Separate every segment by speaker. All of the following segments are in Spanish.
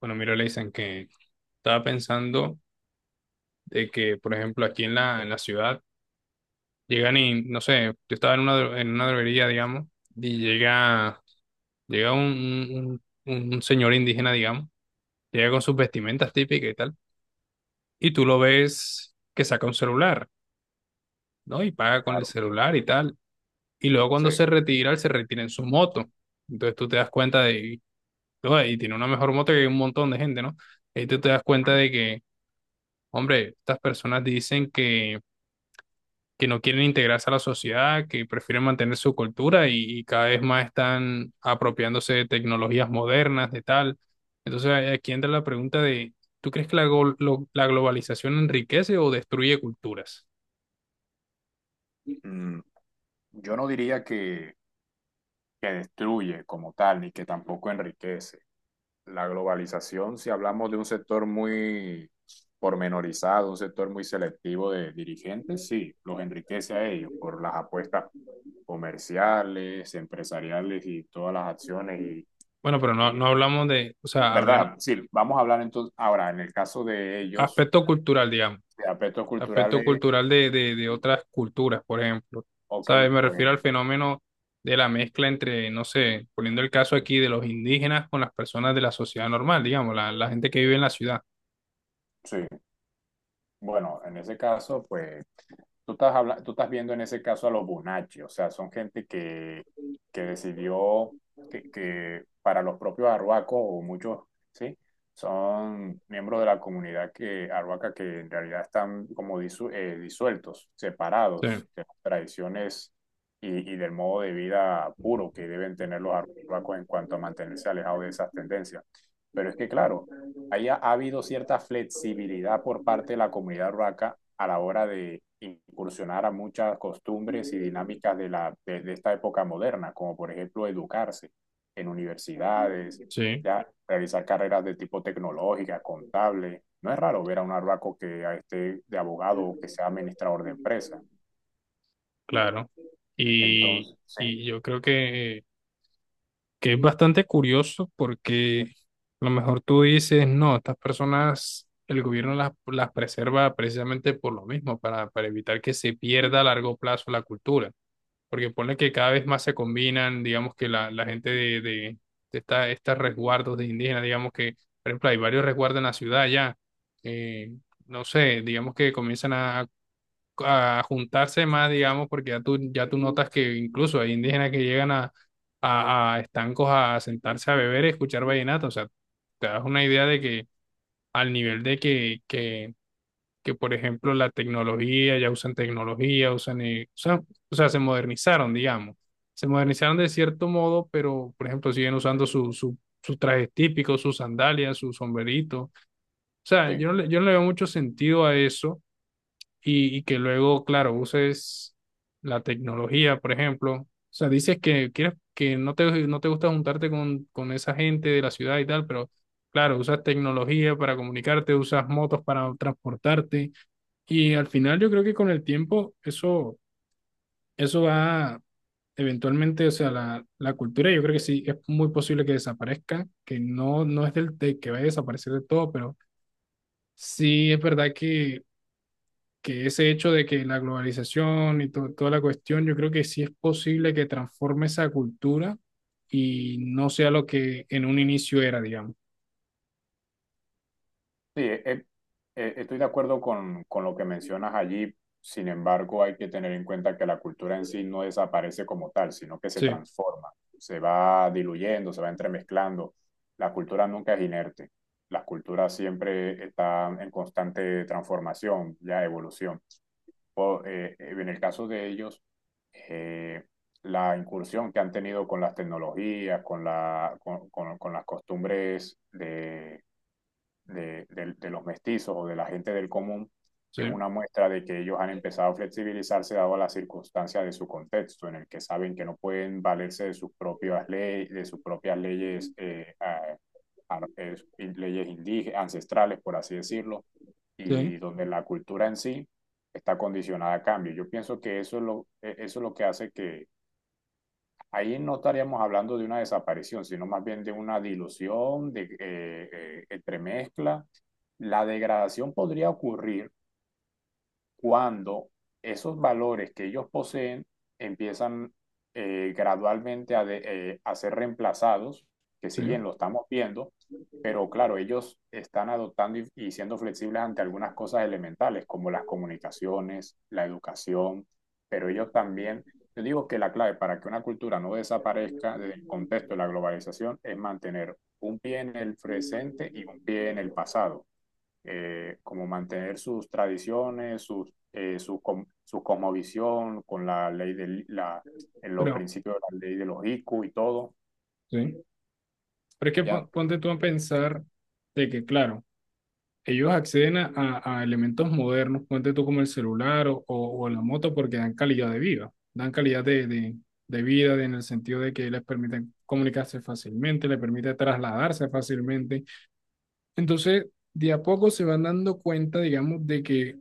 Speaker 1: Bueno, mira, le dicen que estaba pensando de que, por ejemplo, aquí en la ciudad llegan y, no sé, yo estaba en en una droguería, digamos, y llega un señor indígena, digamos, llega con sus vestimentas típicas y tal, y tú lo ves que saca un celular, ¿no? Y paga con el
Speaker 2: Claro,
Speaker 1: celular y tal, y luego
Speaker 2: sí.
Speaker 1: cuando se retira, él se retira en su moto. Entonces tú te das cuenta de, "Oye, y tiene una mejor moto que un montón de gente, ¿no?". Y tú te das cuenta de que, hombre, estas personas dicen que no quieren integrarse a la sociedad, que prefieren mantener su cultura y cada vez más están apropiándose de tecnologías modernas, de tal. Entonces aquí entra la pregunta de, ¿tú crees que la globalización enriquece o destruye culturas?
Speaker 2: Mm, mm, Yo no diría que destruye como tal, ni que tampoco enriquece. La globalización, si hablamos de un sector muy pormenorizado, un sector muy selectivo de dirigentes, sí, los enriquece a ellos por las apuestas comerciales, empresariales y todas las acciones y
Speaker 1: Bueno, pero no, no
Speaker 2: que-
Speaker 1: hablamos de, o sea, hablemos
Speaker 2: ¿verdad? Sí, vamos a hablar entonces ahora en el caso de ellos,
Speaker 1: aspecto cultural, digamos.
Speaker 2: de aspectos
Speaker 1: Aspecto
Speaker 2: culturales,
Speaker 1: cultural de otras culturas, por ejemplo.
Speaker 2: ok,
Speaker 1: ¿Sabes? Me refiero al
Speaker 2: pues
Speaker 1: fenómeno de la mezcla entre, no sé, poniendo el caso aquí de los indígenas con las personas de la sociedad normal, digamos, la gente que vive en la ciudad.
Speaker 2: sí, bueno, en ese caso, pues tú estás viendo en ese caso a los Bonacci, o sea, son gente que decidió que para los propios arhuacos o muchos, ¿sí? Son miembros de la comunidad que, arhuaca que en realidad están como disueltos,
Speaker 1: Sí,
Speaker 2: separados de las tradiciones y del modo de vida puro que deben tener los arhuacos en cuanto a mantenerse alejados de esas tendencias. Pero es que, claro, haya ha habido cierta flexibilidad por parte de la comunidad urbaca a la hora de incursionar a muchas costumbres y dinámicas de esta época moderna, como por ejemplo educarse en universidades,
Speaker 1: sí,
Speaker 2: ya, realizar carreras de tipo tecnológica, contable. No es raro ver a un arbaco que esté de abogado o que sea administrador de empresa.
Speaker 1: claro. Y,
Speaker 2: Entonces, sí.
Speaker 1: yo creo que es bastante curioso porque a lo mejor tú dices, no, estas personas, el gobierno las preserva precisamente por lo mismo, para evitar que se pierda a largo plazo la cultura, porque ponle que cada vez más se combinan, digamos que la gente de estos resguardos de indígenas, digamos que, por ejemplo, hay varios resguardos en la ciudad ya, eh, no sé, digamos que comienzan a juntarse más, digamos, porque ya tú notas que incluso hay indígenas que llegan a estancos a sentarse a beber y escuchar vallenato. O sea, te das una idea de que al nivel de que, por ejemplo, la tecnología, ya usan tecnología, o sea, se modernizaron, digamos. Se modernizaron de cierto modo, pero, por ejemplo, siguen usando sus trajes típicos, sus sandalias, sus sombreritos. O sea,
Speaker 2: Sí.
Speaker 1: yo no le veo mucho sentido a eso y que luego, claro, uses la tecnología, por ejemplo. O sea, dices que quieres que no te, no te gusta juntarte con esa gente de la ciudad y tal, pero claro, usas tecnología para comunicarte, usas motos para transportarte y al final yo creo que con el tiempo eso va eventualmente, o sea, la cultura yo creo que sí es muy posible que desaparezca, que no, no es del, de que vaya a desaparecer de todo, pero sí es verdad que ese hecho de que la globalización y toda la cuestión, yo creo que sí es posible que transforme esa cultura y no sea lo que en un inicio era, digamos.
Speaker 2: Sí, estoy de acuerdo con lo que mencionas allí. Sin embargo, hay que tener en cuenta que la cultura en sí no desaparece como tal, sino que se
Speaker 1: Sí,
Speaker 2: transforma, se va diluyendo, se va entremezclando. La cultura nunca es inerte. La cultura siempre está en constante transformación, ya evolución. En el caso de ellos, eh, la incursión que han tenido con las tecnologías, con la, con las costumbres de los mestizos o de la gente del común
Speaker 1: sí,
Speaker 2: es una muestra de que ellos han empezado a flexibilizarse dado a las circunstancias de su contexto, en el que saben que no pueden valerse de sus propias leyes, de sus propias leyes, leyes indígenas, ancestrales, por así decirlo,
Speaker 1: sí,
Speaker 2: y donde la cultura en sí está condicionada a cambio. Yo pienso que eso es eso es lo que hace que, ahí no estaríamos hablando de una desaparición, sino más bien de una dilución, de entremezcla. La degradación podría ocurrir cuando esos valores que ellos poseen empiezan gradualmente a ser reemplazados, que
Speaker 1: sí,
Speaker 2: si bien lo estamos viendo, pero claro, ellos están adoptando y siendo flexibles ante algunas cosas elementales, como las comunicaciones, la educación, pero ellos también, yo digo que la clave para que una cultura no desaparezca del contexto de la globalización es mantener un pie en el presente y un pie en el pasado como mantener sus tradiciones, su cosmovisión con la ley en los
Speaker 1: pero
Speaker 2: principios de la ley de los ICU y todo,
Speaker 1: sí. Pero es que
Speaker 2: ¿ya?
Speaker 1: ponte tú a pensar de que, claro, ellos acceden a elementos modernos, ponte tú como el celular o la moto porque dan calidad de vida, dan calidad de vida en el sentido de que les permiten comunicarse fácilmente, les permite trasladarse fácilmente. Entonces, de a poco se van dando cuenta, digamos, de que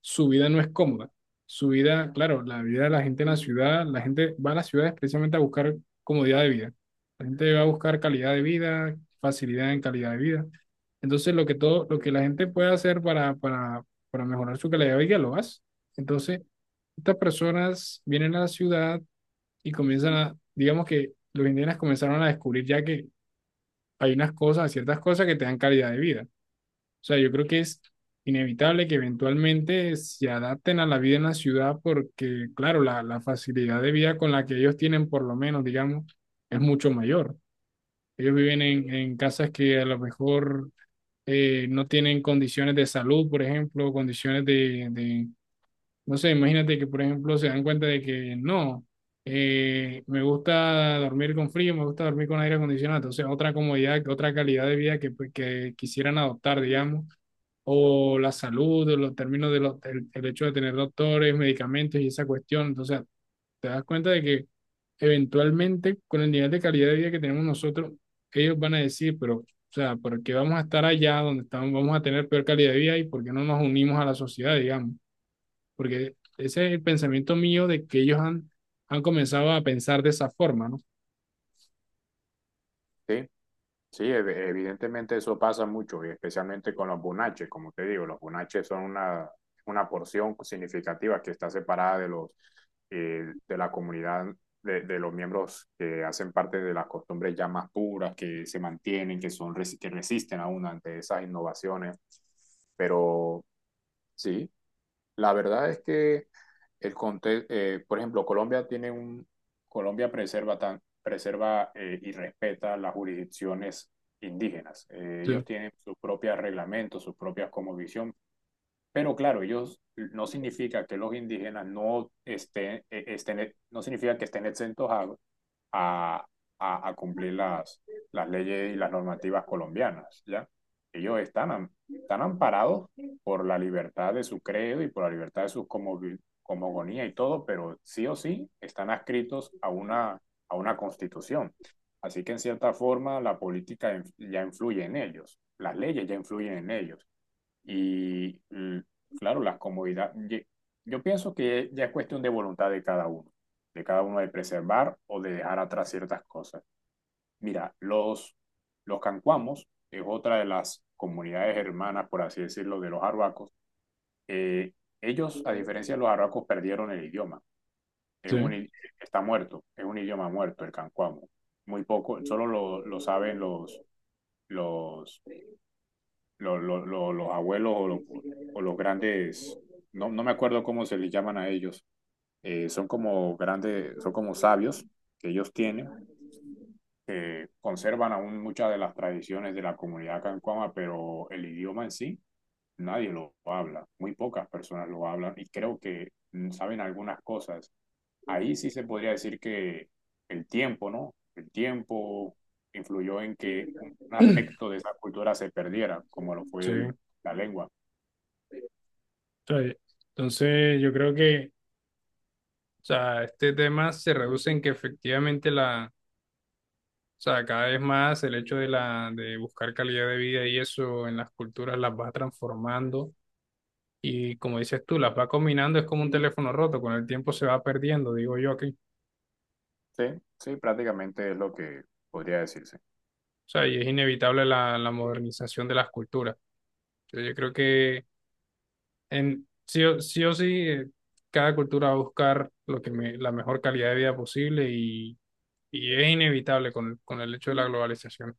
Speaker 1: su vida no es cómoda. Su vida, claro, la vida de la gente en la ciudad, la gente va a las ciudades precisamente a buscar comodidad de vida. La gente va a buscar calidad de vida, facilidad en calidad de vida. Entonces, lo que la gente puede hacer para mejorar su calidad de vida, lo hace. Entonces, estas personas vienen a la ciudad y comienzan a, digamos que los indígenas comenzaron a descubrir ya que hay ciertas cosas que te dan calidad de vida. O sea, yo creo que es inevitable que eventualmente se adapten a la vida en la ciudad porque, claro, la facilidad de vida con la que ellos tienen, por lo menos, digamos, es mucho mayor. Ellos viven en casas que a lo mejor no tienen condiciones de salud, por ejemplo, condiciones no sé, imagínate que, por ejemplo, se dan cuenta de que no, me gusta dormir con frío, me gusta dormir con aire acondicionado. Entonces, otra comodidad, otra calidad de vida que, pues, que quisieran adoptar, digamos. O la salud, de los términos de los, el hecho de tener doctores, medicamentos y esa cuestión. Entonces, te das cuenta de que eventualmente con el nivel de calidad de vida que tenemos nosotros, ellos van a decir, pero, o sea, ¿por qué vamos a estar allá donde estamos, vamos a tener peor calidad de vida y por qué no nos unimos a la sociedad, digamos? Porque ese es el pensamiento mío de que ellos han comenzado a pensar de esa forma, ¿no?
Speaker 2: ¿sí? Sí, evidentemente eso pasa mucho, y especialmente con los bunaches, como te digo, los bunaches son una porción significativa que está separada de los de la comunidad, de los miembros que hacen parte de las costumbres ya más puras, que se mantienen, que son que resisten aún ante esas innovaciones. Pero sí, la verdad es que por ejemplo, Colombia tiene un, Colombia preserva preserva y respeta las jurisdicciones indígenas. Ellos
Speaker 1: Sí,
Speaker 2: tienen sus propios reglamentos, sus propias cosmovisión, pero claro, ellos no significa que los indígenas no estén, no significa que estén exentos a, a cumplir las leyes y las normativas colombianas, ¿ya? Ellos están, están amparados por la libertad de su credo y por la libertad de su cosmogonía y todo, pero sí o sí están adscritos a una constitución. Así que en cierta forma la política ya influye en ellos, las leyes ya influyen en ellos. Y claro, las comodidades, yo pienso que ya es cuestión de voluntad de cada uno, de cada uno de preservar o de dejar atrás ciertas cosas. Mira, los cancuamos es otra de las comunidades hermanas, por así decirlo, de los arhuacos. Eh, ellos, a diferencia de los arhuacos, perdieron el idioma. Es un
Speaker 1: sí,
Speaker 2: i- está muerto, es un idioma muerto el cancuamo. Muy poco, solo lo saben los, los los abuelos o los grandes, no, no me acuerdo cómo se les llaman a ellos, son como grandes, son como sabios que ellos tienen, que conservan aún muchas de las tradiciones de la comunidad cancuama, pero el idioma en sí, nadie lo habla, muy pocas personas lo hablan y creo que saben algunas cosas. Ahí sí se podría decir que el tiempo, ¿no? El tiempo influyó en que un aspecto de esa cultura se perdiera, como lo
Speaker 1: sí.
Speaker 2: fue
Speaker 1: O
Speaker 2: la lengua.
Speaker 1: entonces, yo creo que, o sea, este tema se reduce en que efectivamente la... O sea, cada vez más el hecho de, de buscar calidad de vida y eso en las culturas las va transformando y como dices tú, las va combinando, es como un teléfono roto, con el tiempo se va perdiendo, digo yo aquí. O
Speaker 2: Sí, sí, prácticamente es lo que podría decirse.
Speaker 1: sea, y es inevitable la modernización de las culturas. Entonces, yo creo que en, sí, o sí, cada cultura va a buscar la mejor calidad de vida posible y es inevitable con el hecho de la globalización.